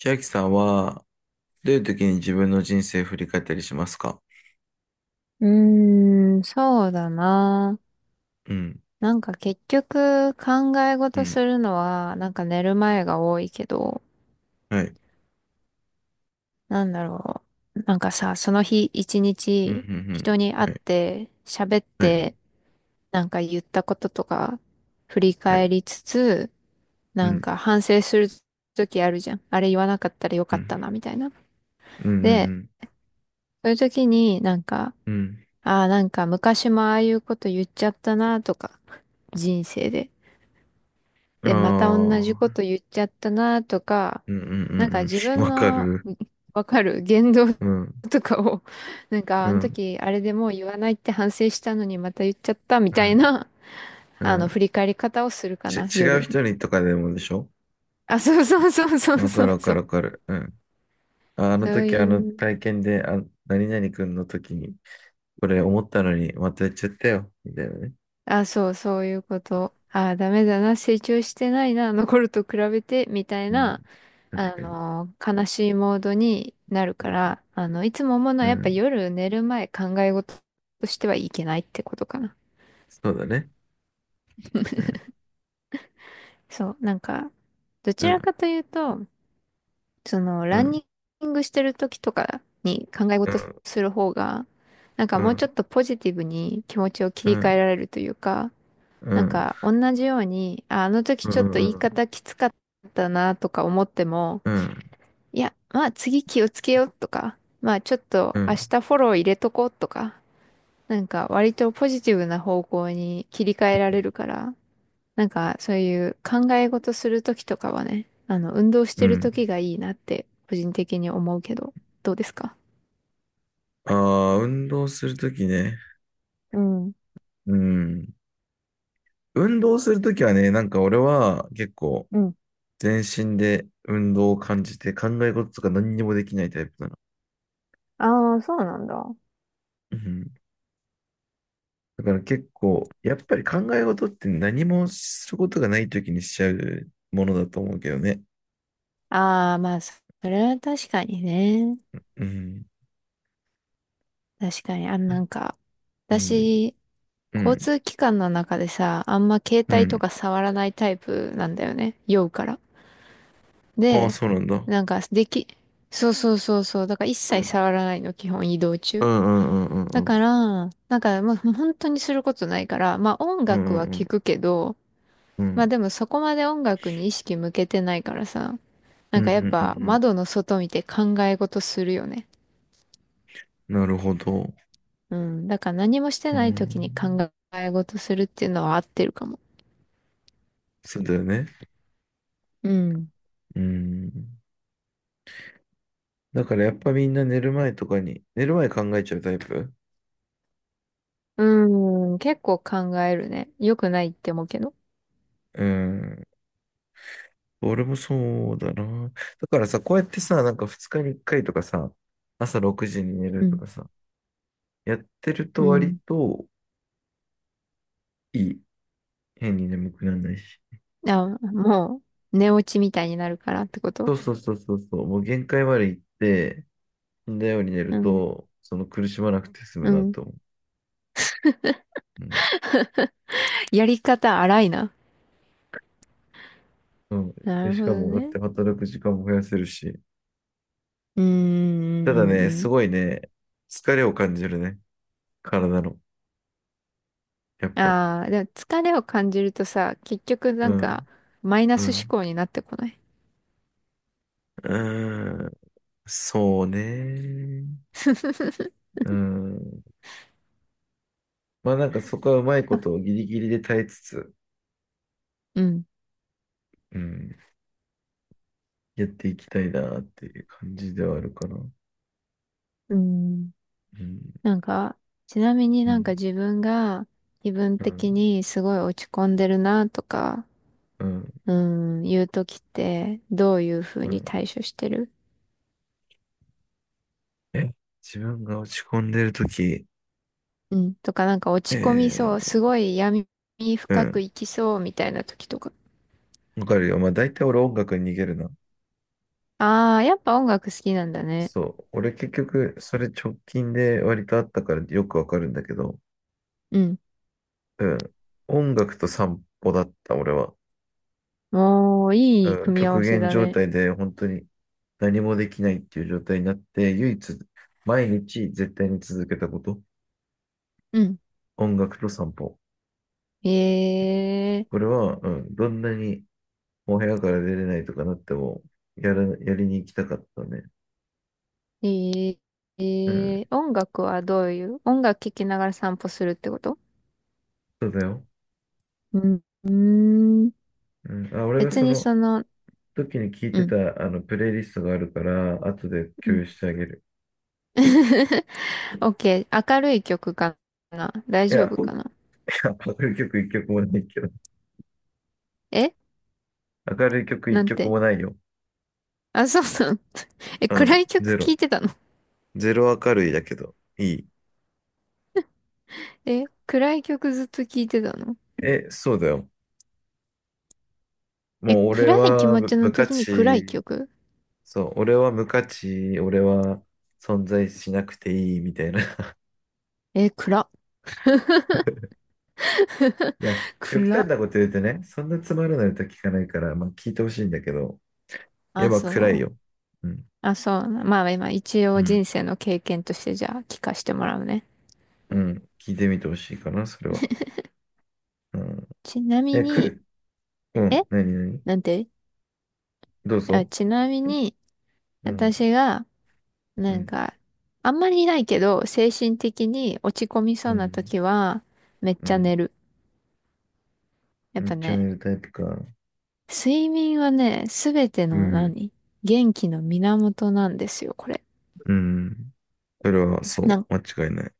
千秋さんは、どういう時に自分の人生振り返ったりしますか？うーん、そうだな。うん、なんか結局考えう事ん、するのはなんか寝る前が多いけど、はい、なんだろう。なんかさ、その日一うん、う日ん、人にうん、会っはい、て喋っはい、てなんか言ったこととか振りは返い、りつつ、うなんん、か反省する時あるじゃん。あれ言わなかったらようかったん、なみたいな。うで、ん、そういう時になんか、うん、ああ、なんか昔もああいうこと言っちゃったなとか、人生で。うん、で、また同じあこあ、と言っちゃったなとか、うん、うん、うなんん、か自うん、分わかのる。わかる言動うん、とかを、なんかうん、あうのん、時あれでもう言わないって反省したのにまた言っちゃったみたいな、うあの、ん。振り返り方をするかち、な、違う夜。人にとかでもでしょ？あ、そうそうそうそうわかそうる、わかそう。る、わかる。うん。あ、あのそう時、あのいう。体験で、あ、何々くんの時に、これ思ったのに、またやっちゃったよ、みたいなね。あ、そう、そういうこと。ああ、ダメだな、成長してないな、残ると比べて、みたいうん、な、確かに。悲しいモードになるうかん、ら、いつも思うのはうやっぱん、夜寝る前考え事としてはいけないってことかな。そうだね。そう、なんか、どうちらん、かというと、その、うランん、ニングしてる時とかに考えう事ん、する方が、なんかうもうちょん、っとポジティブに気持ちを切うり替えん、られるというか、うなん、うんん、か同じように、あ、あの時うちょっと言いん、方きつかったなとか思っても、いや、まあ次気をつけようとか、まあちょっうと明ん、日フォロー入れとこうとか、なんか割とポジティブな方向に切り替えられるから、なんかそういう考え事する時とかはね、あの運動しうてるん。時がいいなって個人的に思うけど、どうですか？ああ、運動するときね。うん。うん。運動するときはね、なんか俺は結構うん。全身で運動を感じて考え事とか何にもできないタイプなの。ああ、そうなんだ。うん。だから結構、やっぱり考え事って何もすることがないときにしちゃうものだと思うけどね。ああー、まあそれは確かにね。うん。確かに、なんか、うん。私、う交ん。通機関の中でさ、あんま携う帯とかん。触らないタイプなんだよね。酔うから。ああ、で、そうなんだ。うなんか、そうそうそうそう。だから一切ん。触らないの、基本移動う中。んうんうんうだんうん。から、なんか、まあ、本当にすることないから、まあ音う楽んうはん聞くけど、うん。うまあんでもそこまで音楽に意識向けてないからさ、なうんんうかやっぱん窓の外見て考え事するよね。うん。なるほど。うん。だから何もしてうない時に考ん。え事するっていうのは合ってるかも。そうだよね。うん。うん。だからやっぱみんな寝る前とかに、寝る前考えちゃうタイプ。うん。結構考えるね。良くないって思うけど。うん。俺もそうだな。だからさ、こうやってさ、なんか2日に1回とかさ、朝6時に寝うるとん。かさ、やってるうと割ん。といい。変に眠くならないし。あ、もう、寝落ちみたいになるからってこそと？うそうそうそうそう。もう限界まで行って、死んだように寝るうん。と、その苦しまなくて済むうなん。と思う。うんやり方荒いな。うん。なで、るしほどかも、だっね。て働く時間も増やせるし。うーん。うたんうだね、んうすん。ごいね、疲れを感じるね。体の。やっぱ。ああ、でも疲れを感じるとさ、結局なうんか、ん。マイナうス思ん。考になってこない？うん。そうね。うん。まあなんかそこはうまいことをあギリギリで耐えつつ、うん。うん、やっていきたいなっていう感じではあるかな。ううん。ん。なんか、ちなみにうなんかん。自分が気分う的ん。にすごい落ち込んでるなとか、うん。うん、いう時ってどういうふううにん。対処してる？え、自分が落ち込んでるとき、うん。とかなんかえ落ち込みそう、ー、すごい闇う深ん。く生きそうみたいな時とか。わかるよ。まあ大体俺音楽に逃げるな。ああ、やっぱ音楽好きなんだね。そう。俺結局、それ直近で割とあったからよくわかるんだけど、うん。うん。音楽と散歩だった、俺は。おー、いいうん。組み合極わせ限だ状ね。態で本当に何もできないっていう状態になって、唯一、毎日絶対に続けたこと。うん。音楽と散歩。こえれは、うん、どんなにお部屋から出れないとかなっても、やりに行きたかったね。ー、えうん。音楽はどういう音楽聴きながら散歩するってこと？そうだよ。うん。うーんうん。あ、俺が別そにのその、時に聞いうてん、た、あの、プレイリストがあるから、後でう共ん。有してあげる。オッケー、明るい曲かな大い丈や、夫かな？ 明るい曲一曲もないけど。え明るい曲な一ん曲て？もないよ。あ、そうそう。え、う暗ん、い曲ゼ聴ロ。いてたの？ゼロ明るいだけど、いい。え、暗い曲ずっと聴いてたの？え、そうだよ。え、もう俺暗い気は持無ちの無価時に暗い値、曲？そう、俺は無価値、俺は存在しなくていいみたいな。いえ、暗。や、極端暗。なこと言うとね、そんなつまらない歌聞かないから、まあ聞いてほしいんだけど、やあ、っぱそ暗いう。よ。うん。あ、そうな。まあ今、一う応ん。人生の経験としてじゃあ聞かせてもらうね。うん。聞いてみてほしいかな、それは。うん。ちなみえ、来に、る。うえん。なになに？なんて？どうあ、ぞ。ちなみに、うん。私が、うなんん。か、あんまりないけど、精神的に落ち込みそううなん。時は、めっうちゃん。寝る。やチっぱャンネね、ルタイプか。睡眠はね、すべてうのん。何元気の源なんですよ、これ。うん。それは、そう、なん間違いない。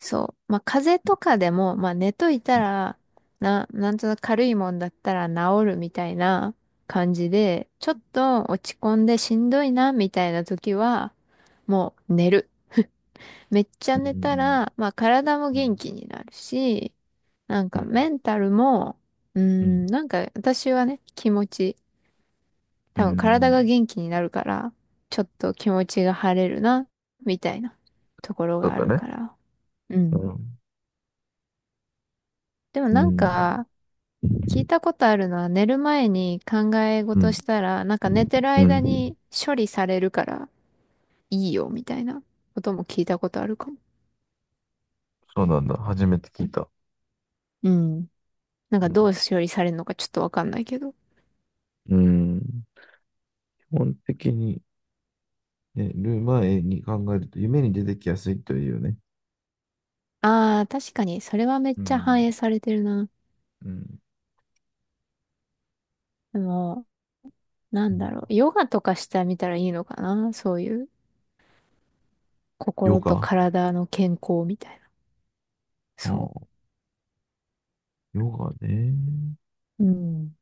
そう。まあ、風邪とかでも、まあ、寝というたん。ら、なんとなく軽いもんだったら治るみたいな感じで、ちょっと落ち込んでしんどいな、みたいな時は、もう寝る。めっちうゃ寝たん。ら、まあ体もう元ん。気になるし、なんかメンタルも、うーうん。ん、なんか私はね、気持ち、う多分体ん。が元気になるから、ちょっと気持ちが晴れるな、みたいなところそうがあだるね。から。ううん。ん。でもうなんん。か、聞いたことあるのは寝る前に考えう事ん。したら、なんか寝てるう間ん。に処理されるからいいよ、みたいなことも聞いたことあるかも。そうなんだ。初めて聞いた。うん。なんうかん。どう処理されるのかちょっとわかんないけど。うん、基本的に、ね、寝る前に考えると、夢に出てきやすいというね。ああ、確かに、それはめっうちゃ反ん。映されてるな。うん。でも、なうんだん。ろう、ヨガとかしてみたらいいのかな？そういうヨ心ガ。とあ体の健康みたいな。そあ、ヨガね。う。うん。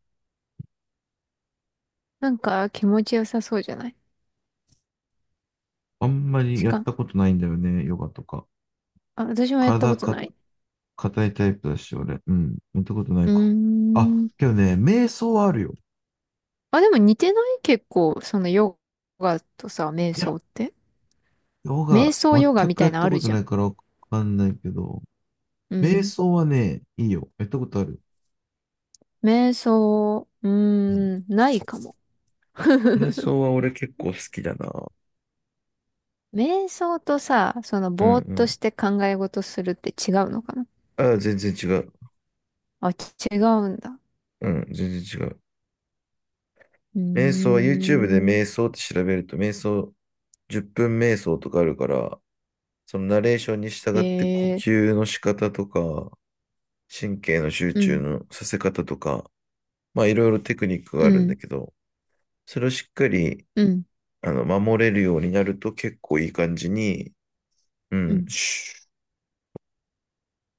なんか気持ちよさそうじゃない？あんまりしやっか、たことないんだよね、ヨガとか。あ、私もやった体ことか、ない。硬いタイプだし、俺。うん。やったことなうーいか。あ、ん。けどね、瞑想はあるよ。あ、でも似てない結構、そのヨガとさ、瞑いや、想って。ヨ瞑ガ、想全ヨガみくたやいっなのたあることじゃなん。いからわかんないけど、う瞑ん。想はね、いいよ。やったことある。瞑想、うーうん。ん、ないかも。瞑想は俺結構好きだな。瞑想とさ、そのうんうぼーっとん。して考え事するって違うのかな？ああ、全然違う。あ、違うんだ。うん、全然違う。うー瞑想は YouTube でん。瞑想って調べると、瞑想、10分瞑想とかあるから、そのナレーションに従って呼ええ吸の仕方とか、神経の集う中ん、のさせ方とか、まあいろいろテクニックがうあるんだん、けど、それをしっかりうん、あの守れるようになると結構いい感じに、ううん、ん。シュッ、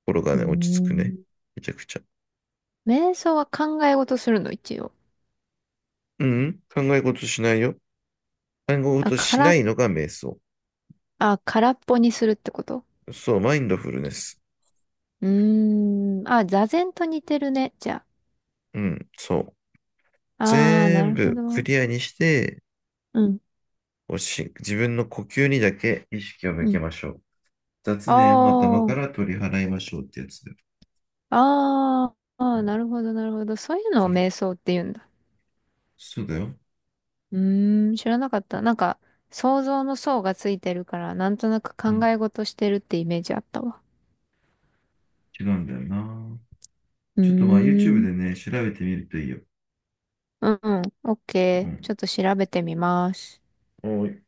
心がうーね、落ち着くね。ん。めちゃくちゃ。瞑想は考え事するの、一応？うん、考え事しないよ。考えあ、事しな空、いのが瞑想。あ、空っぽにするってこと？そう、マインドフルネス。うーん。あ、座禅と似てるね、じゃうん、そう。あ。あー、な全るほ部クど。リアにして、うん、こうし自分の呼吸にだけ意識を向うけん。ましょう。雑念を頭あかー、ら取り払いましょうってやつだよ。ああ、うあーん、なるほど、なるほど。そういうのうをん、瞑想って言うんだ。そうだよ。うーん、知らなかった。なんか、想像の想がついてるから、なんとなくう考ん、え事してるってイメージあったわ。違うんだよな。うーちょっとまあ YouTube ん。でね、調べてみるといいよ。うん、オッうケー。ちん。ょっと調べてみます。おい